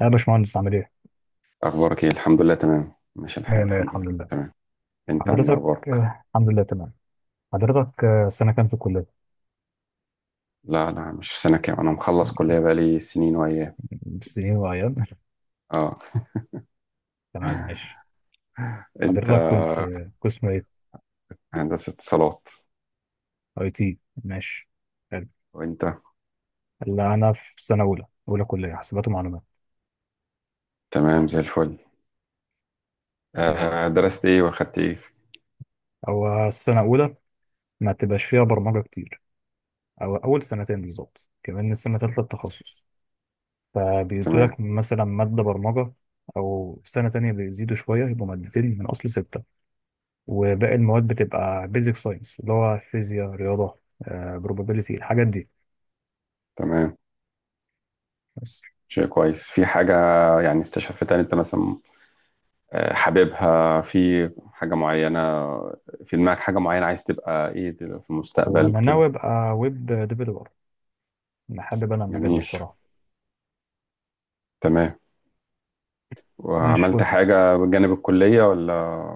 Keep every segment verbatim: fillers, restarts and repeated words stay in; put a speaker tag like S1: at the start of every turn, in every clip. S1: يا باشمهندس عامل ايه؟
S2: أخبارك إيه؟ الحمد لله، تمام ماشي الحال،
S1: مية مية
S2: الحمد لله
S1: الحمد
S2: كله
S1: لله.
S2: تمام. أنت عامل إيه،
S1: حضرتك
S2: أخبارك؟
S1: آه، الحمد لله تمام. حضرتك آه، سنة كام في الكلية؟
S2: لا، لا، مش في سنة كام، أنا مخلص كلية بقالي سنين وأيام.
S1: م- سنين وأيام.
S2: أه.
S1: تمام ماشي.
S2: أنت؟
S1: حضرتك كنت آه، قسم ايه؟
S2: هندسة اتصالات.
S1: اي تي. ماشي. حلو.
S2: وأنت؟
S1: لا أنا في سنة أولى أولى كلية حاسبات ومعلومات.
S2: تمام، زي الفل. آه
S1: ماشي.
S2: درست إيه وأخدت إيه؟
S1: هو السنة أولى ما تبقاش فيها برمجة كتير، أو أول سنتين بالظبط، كمان السنة تالتة التخصص،
S2: تمام.
S1: فبيدولك مثلا مادة برمجة، أو سنة تانية بيزيدوا شوية يبقوا مادتين من أصل ستة، وباقي المواد بتبقى بيزك ساينس اللي هو فيزياء رياضة بروبابيليتي الحاجات دي.
S2: تمام.
S1: بس.
S2: شيء كويس في حاجة، يعني استشفتها أنت مثلا؟ آه، حاببها في حاجة معينة؟ في دماغك حاجة معينة عايز تبقى إيه دل- في
S1: هو
S2: المستقبل
S1: أنا
S2: كده؟
S1: ناوي أبقى ويب ديفيلوبر، أنا حابب أنا المجال ده
S2: جميل.
S1: بصراحة.
S2: تمام.
S1: مش
S2: وعملت
S1: ويب،
S2: حاجة بجانب الكلية ولا؟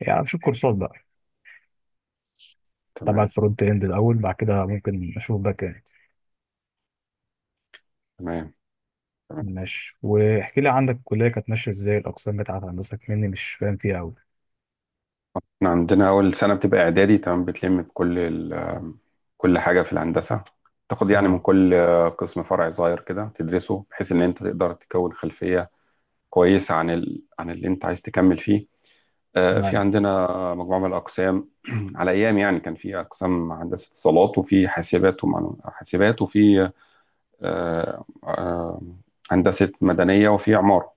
S1: يعني أشوف كورسات بقى تبع
S2: تمام.
S1: الفرونت إند الأول، بعد كده ممكن أشوف باك إند.
S2: تمام. تمام.
S1: ماشي. واحكي لي عندك الكلية كانت ماشية إزاي؟ الأقسام بتاعت هندسك مني مش فاهم فيها أوي.
S2: احنا عندنا اول سنه بتبقى اعدادي، تمام، بتلم بكل ال- كل حاجه في الهندسه، تاخد يعني من
S1: تمام.
S2: كل قسم فرع صغير كده تدرسه بحيث ان انت تقدر تكون خلفيه كويسه عن ال... عن اللي انت عايز تكمل فيه. آه، في
S1: تمام.
S2: عندنا مجموعه من الاقسام. على ايام، يعني كان في اقسام هندسه اتصالات، وفي حاسبات ومعلو... حاسبات وفي آه، آه، هندسه مدنيه، وفي عماره.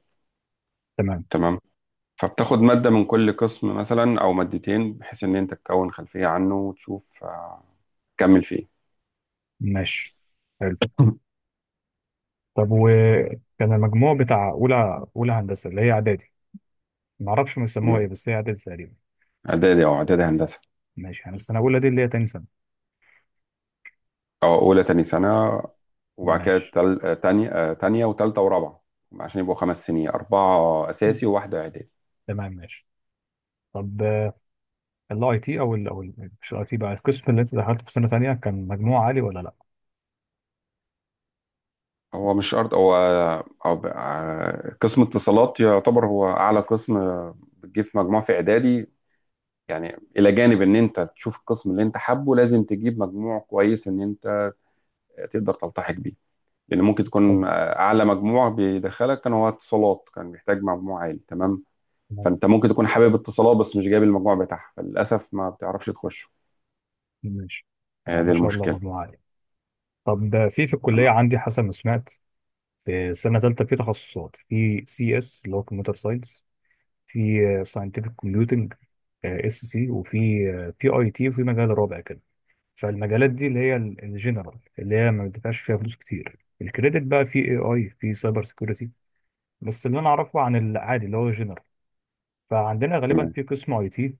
S1: تمام
S2: تمام. فبتاخد مادة من كل قسم مثلا أو مادتين بحيث إن أنت تكون خلفية عنه وتشوف آه، تكمل فيه.
S1: ماشي حلو. طب وكان المجموع بتاع أولى أولى هندسة اللي هي إعدادي؟ معرفش هم بيسموها إيه،
S2: تمام.
S1: بس هي إعدادي تقريبا.
S2: إعدادي، أو إعدادي هندسة.
S1: ماشي، يعني السنة الأولى دي اللي هي تاني سنة.
S2: أو أولى، تاني سنة، وبعد كده
S1: ماشي.
S2: تل... آه، تانية آه، تانية وتالتة ورابعة، عشان يبقوا خمس سنين، أربعة
S1: مم.
S2: أساسي وواحدة إعدادي.
S1: تمام ماشي. طب الاي تي او ال أو ال- مش الاي تي بقى، القسم اللي انت دخلته في سنة تانية كان مجموع عالي ولا لا؟
S2: هو مش شرط، هو هو ب- آه، قسم اتصالات يعتبر هو أعلى قسم آه، بتجيب مجموع في إعدادي. يعني إلى جانب إن أنت تشوف القسم اللي أنت حابه، لازم تجيب مجموع كويس إن أنت تقدر تلتحق بيه. لان ممكن تكون
S1: حلو.
S2: اعلى مجموع بيدخلك كان هو اتصالات، كان بيحتاج مجموع عالي. تمام.
S1: تمام
S2: فانت ممكن تكون حابب اتصالات، بس مش جايب المجموع بتاعها، فللاسف ما بتعرفش تخشه.
S1: ماشي. آه
S2: هي دي
S1: ما شاء الله،
S2: المشكله.
S1: مجموع عالي. طب آه، في في الكلية
S2: تمام.
S1: عندي حسب ما سمعت، في السنة التالتة في تخصصات، في سي اس اللي هو كمبيوتر ساينس، في ساينتفك كومبيوتنج اس سي، وفي آه، في اي تي، وفي مجال رابع كده. فالمجالات دي اللي هي ال- الجنرال اللي هي ما بتدفعش فيها فلوس كتير، الكريدت بقى في اي اي في سايبر سيكيورتي. بس اللي انا اعرفه عن العادي اللي هو جنرال، فعندنا غالبا
S2: تمام.
S1: في قسم اي تي،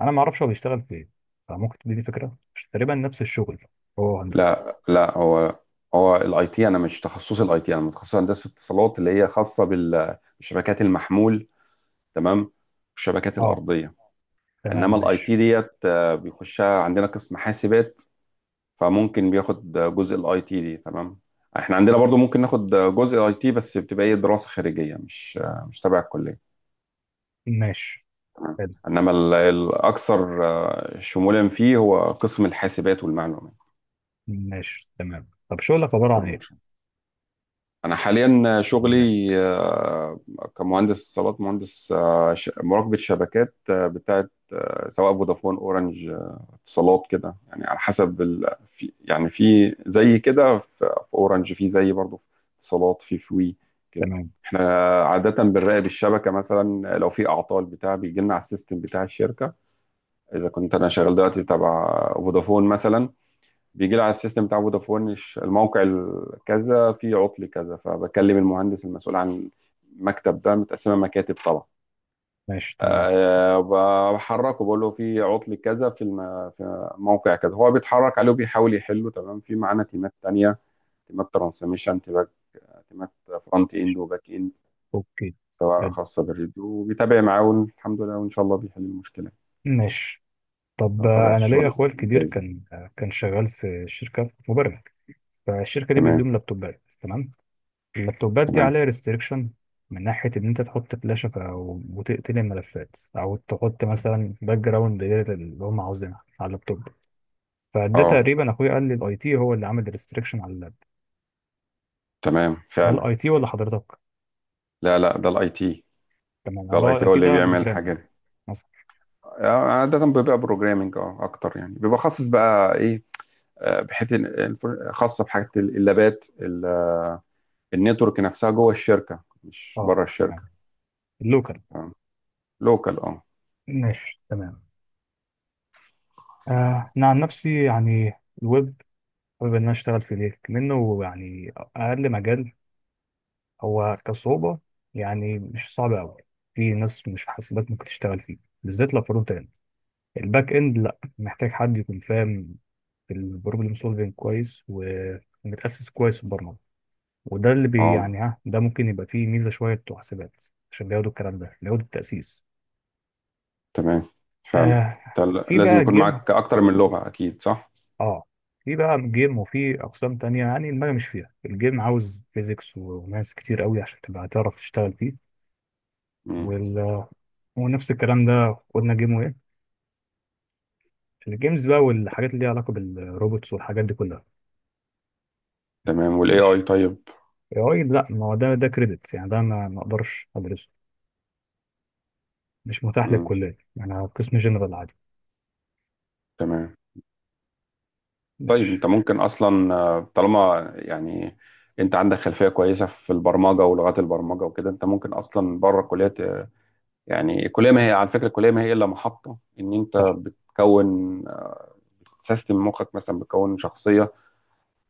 S1: انا ما اعرفش هو بيشتغل في ايه، فممكن تديني فكره؟ مش تقريبا نفس الشغل؟ هو هندسه.
S2: لا، لا، هو، هو الاي تي، انا مش تخصصي الاي تي، انا متخصص هندسه اتصالات، اللي هي خاصه بال- بالشبكات المحمول، تمام، والشبكات
S1: اه.
S2: الارضيه.
S1: تمام
S2: انما الاي
S1: ماشي.
S2: تي ديت آه، بيخشها عندنا قسم حاسبات، فممكن بياخد جزء الاي تي دي. تمام. احنا عندنا برضو ممكن ناخد جزء اي تي بس بتبقى ايه دراسة خارجية، مش مش تبع الكلية.
S1: ماشي.
S2: تمام.
S1: حلو.
S2: انما ال- الاكثر آه، شمولا فيه هو قسم الحاسبات والمعلومات.
S1: ماشي تمام. طب شغلك عباره عن ايه؟
S2: بروموشن. انا حاليا
S1: عن
S2: شغلي
S1: إيه؟
S2: آه، كمهندس اتصالات، مهندس آه، ش- مراقبة شبكات آه، بتاعت آه، سواء فودافون، اورنج، اتصالات، كده يعني، على حسب ال... في، يعني في زي كده في... في اورنج، في زي برضه في اتصالات، في فوي كده.
S1: تمام
S2: احنا عادة بنراقب الشبكة مثلا، لو في اعطال بتاع بيجي لنا على السيستم بتاع الشركة. اذا كنت انا شغال دلوقتي تبع فودافون مثلا، بيجي لي على السيستم بتاع فودافون الش- الموقع ال- كذا في عطل كذا، فبكلم المهندس المسؤول عن المكتب ده، متقسمة مكاتب طبعا.
S1: ماشي. تمام
S2: آه، ب- بحركه بقول له في عطل كذا في الم... في موقع كذا، هو بيتحرك عليه وبيحاول يحله. تمام. في معانا تيمات تانية، تيمات ترانسميشن، تيمات تيمات فرونت اند
S1: ماشي.
S2: وباك اند،
S1: اوكي.
S2: سواء
S1: حلو.
S2: خاصة بالريديو، وبيتابع معاه الحمد لله وإن شاء الله بيحل المشكلة.
S1: ماشي. طب
S2: ده طبيعة
S1: آه، انا ليا
S2: الشغل
S1: اخويا الكبير
S2: جاهز.
S1: كان آه، كان شغال في شركه مبرمج، فالشركه دي
S2: تمام.
S1: بتدوم لابتوبات، تمام، اللابتوبات دي
S2: تمام.
S1: عليها ريستريكشن، من ناحيه ان انت تحط فلاشه ف- او وتقتل الملفات، او تحط مثلا باك جراوند غير اللي هم عاوزينها على اللابتوب، فده
S2: اه،
S1: تقريبا اخويا قال لي الاي تي هو اللي عامل ريستريكشن على اللاب.
S2: تمام،
S1: ده
S2: فعلا.
S1: الاي تي ولا حضرتك؟
S2: لا، لا، ده الاي تي،
S1: تمام
S2: ده الاي
S1: الله،
S2: تي
S1: الاي
S2: هو
S1: تي
S2: اللي
S1: ده
S2: بيعمل الحاجة
S1: بروجرامنج
S2: دي.
S1: مثلا.
S2: آه، عادة بيبقى بروجرامنج اه اكتر، يعني بيبقى خاص بقى ايه، آه، بحته الانفر- خاصه بحاجه اللابات، النتورك نفسها جوه الشركة مش
S1: اه
S2: بره
S1: تمام،
S2: الشركة.
S1: اللوكال.
S2: لوكال، اه.
S1: ماشي تمام. آه انا عن نفسي يعني الويب، حابب ان انا اشتغل في ليه، منه يعني اقل مجال هو كصعوبة، يعني مش صعب أوي، في ناس مش في حاسبات ممكن تشتغل فيه، بالذات لو فرونت إند. الباك إند لأ، محتاج حد يكون فاهم في البروبلم سولفينج كويس ومتأسس كويس في البرمجة. وده اللي بي
S2: اه،
S1: يعني ها ده ممكن يبقى فيه ميزة، شوية بتوع حاسبات عشان بياخدوا الكلام ده، بياخدوا التأسيس.
S2: تمام، فعلا.
S1: آه.
S2: انت ل-
S1: في
S2: لازم
S1: بقى
S2: يكون
S1: جيم.
S2: معاك اكتر من لغة، اكيد صح.
S1: اه، في بقى جيم وفي أقسام تانية، يعني المجال مش فيها، الجيم عاوز فيزيكس وماس كتير قوي عشان تبقى تعرف تشتغل فيه.
S2: مم.
S1: وال... ونفس الكلام ده قلنا جيم وير، الجيمز بقى والحاجات اللي ليها علاقه بالروبوتس والحاجات دي كلها.
S2: تمام، والاي
S1: مش
S2: اي طيب.
S1: اي اي، لا، ما هو ده ده كريدت يعني، ده ما ما اقدرش ادرسه، مش متاح
S2: مم.
S1: للكليه، يعني انا قسم جنرال عادي.
S2: تمام. طيب
S1: ماشي.
S2: انت ممكن اصلا آه، طالما يعني انت عندك خلفية كويسة في البرمجة ولغات البرمجة وكده، انت ممكن اصلا بره الكلية ت- يعني الكلية، ما هي على فكرة الكلية ما هي الا محطة ان انت
S1: صح.
S2: بتكون سيستم مخك، مثلا بتكون شخصية،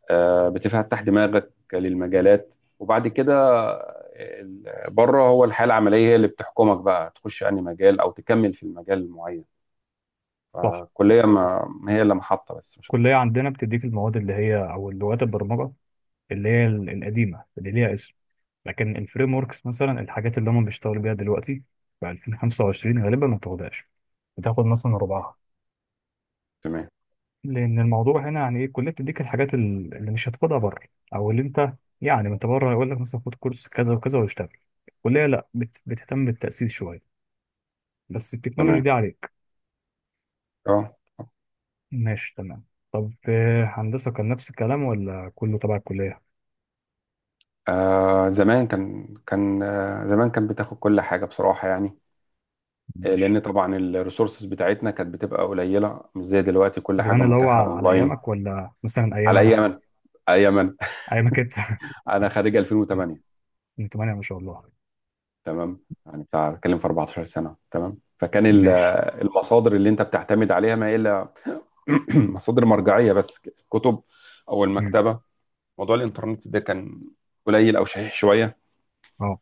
S2: آه، بتفتح دماغك للمجالات، وبعد كده ال- بره، هو الحياه العمليه هي اللي بتحكمك بقى، تخش انهي مجال او تكمل في المجال المعين.
S1: صح.
S2: الكليه ما ما هي الا محطه، بس مش
S1: الكليه
S2: اكتر.
S1: عندنا بتديك المواد اللي هي او لغات البرمجه اللي هي ال- القديمه اللي ليها اسم، لكن الفريم وركس مثلا، الحاجات اللي هم بيشتغلوا بيها دلوقتي في ألفين وخمسة وعشرين غالبا ما بتاخدهاش، بتاخد مثلا ربعها.
S2: تمام.
S1: لان الموضوع هنا يعني ايه، الكليه بتديك الحاجات ال- اللي مش هتاخدها بره، او اللي انت يعني، ما انت بره يقول لك مثلا خد كورس كذا وكذا واشتغل. الكليه لا، بت- بتهتم بالتاسيس شويه، بس التكنولوجي
S2: تمام.
S1: دي عليك.
S2: اه.
S1: ماشي تمام. طب آه، هندسه كان نفس الكلام ولا كله تبع الكليه؟
S2: آه زمان كان كان آه زمان كان بتاخد كل حاجة بصراحة، يعني آه،
S1: ماشي.
S2: لأن طبعا الريسورسز بتاعتنا كانت بتبقى قليلة مش زي دلوقتي كل حاجة
S1: زمان اللي هو
S2: متاحة
S1: على
S2: أونلاين.
S1: ايامك ولا مثلا ايام
S2: على أي
S1: انا،
S2: أمل، أي أمل.
S1: ايامك انت.
S2: أنا خريج ألفين وتمانية.
S1: من تمانية ما شاء الله.
S2: تمام. يعني بتاع بتكلم في أربعة عشر سنه، تمام، فكان ال-
S1: ماشي.
S2: المصادر اللي انت بتعتمد عليها ما الا مصادر مرجعيه بس، كتب او
S1: امم
S2: المكتبه. موضوع الانترنت ده كان قليل او شحيح شويه.
S1: اه.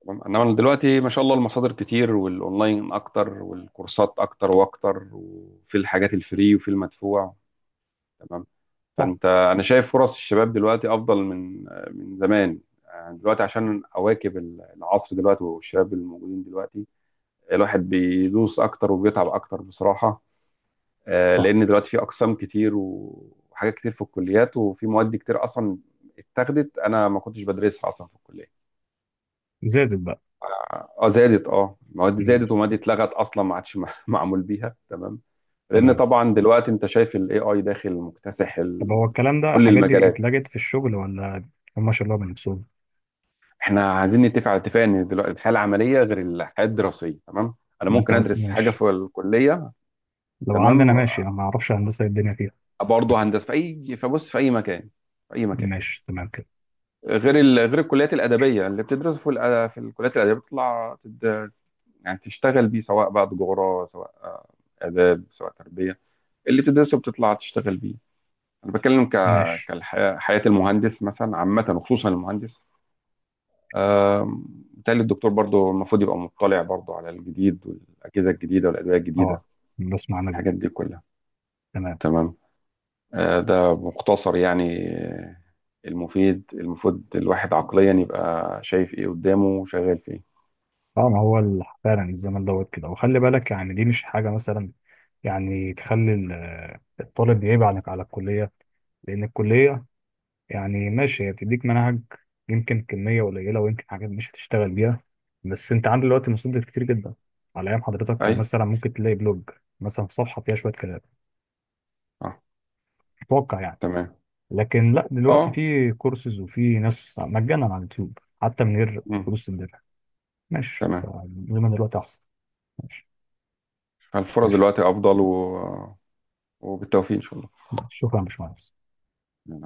S2: تمام. انما دلوقتي ما شاء الله المصادر كتير، والاونلاين اكتر، والكورسات اكتر واكتر، وفي الحاجات الفري وفي المدفوع. تمام.
S1: صح.
S2: فانت انا شايف فرص الشباب دلوقتي افضل من من زمان. يعني دلوقتي عشان اواكب العصر دلوقتي، والشباب الموجودين دلوقتي، الواحد بيدوس اكتر وبيتعب اكتر بصراحه. آه،
S1: صح
S2: لان دلوقتي في اقسام كتير وحاجات كتير في الكليات، وفي مواد كتير اصلا اتاخدت انا ما كنتش بدرسها اصلا في الكليه.
S1: زادت بقى.
S2: اه. آه، زادت، اه، مواد زادت،
S1: ماشي
S2: ومواد اتلغت اصلا ما عادش مع- معمول بيها. تمام. لان
S1: تمام.
S2: طبعا دلوقتي انت شايف الاي اي داخل مكتسح ال...
S1: طب هو الكلام ده
S2: كل
S1: الحاجات دي
S2: المجالات.
S1: اتلجت في الشغل، ولا هم شالوها من نفسهم؟
S2: احنا عايزين نتفق على اتفاق ان دلوقتي الحياه العمليه غير الحياه الدراسيه. تمام. انا
S1: ما انت
S2: ممكن
S1: قلت-
S2: ادرس حاجه
S1: ماشي.
S2: في الكليه،
S1: لو عندنا،
S2: تمام،
S1: ماشي، انا ما اعرفش هندسه إيه الدنيا فيها.
S2: برضه هندسه، في اي فبص، في اي مكان، في اي مكان،
S1: ماشي تمام كده.
S2: غير ال... غير الكليات الادبيه، اللي بتدرسه في الأ... في الكليات الادبيه بتطلع تد... يعني تشتغل بيه، سواء بقى تجاره، سواء آه، اداب، سواء تربيه، اللي بتدرسه بتطلع تشتغل بيه. انا بتكلم ك
S1: ماشي.
S2: كالحياه حياه المهندس مثلا عامه، وخصوصا المهندس، آم، بالتالي الدكتور برضه المفروض يبقى مطلع برضه على الجديد، والاجهزه الجديده، والادويه الجديده،
S1: اه بس معنى دي.
S2: الحاجات دي كلها.
S1: تمام.
S2: تمام. آه، ده مختصر يعني المفيد، المفروض الواحد عقليا يبقى شايف ايه قدامه وشغال فيه.
S1: اه ما هو ال- فعلا الزمن دوت كده، وخلي بالك يعني دي مش حاجه مثلا يعني تخلي ال- الطالب يعيب عليك على الكليه، لان الكليه يعني ماشي، هي بتديك منهج يمكن كميه قليله ويمكن حاجات مش هتشتغل بيها، بس انت عندك دلوقتي مصادر كتير جدا. على ايام حضرتك كان
S2: ايوه.
S1: مثلا ممكن تلاقي بلوج مثلا، في صفحه فيها شويه كلام،
S2: اه،
S1: اتوقع يعني.
S2: تمام،
S1: لكن لا دلوقتي
S2: اه.
S1: في كورسز وفي ناس مجانا على اليوتيوب حتى من غير
S2: مم.
S1: فلوس تدفع. ماشي،
S2: تمام،
S1: فالمهم دلوقتي احسن. ماشي.
S2: الفرص
S1: ماشي.
S2: دلوقتي افضل و... وبالتوفيق ان شاء
S1: شكرا يا باشمهندس.
S2: الله.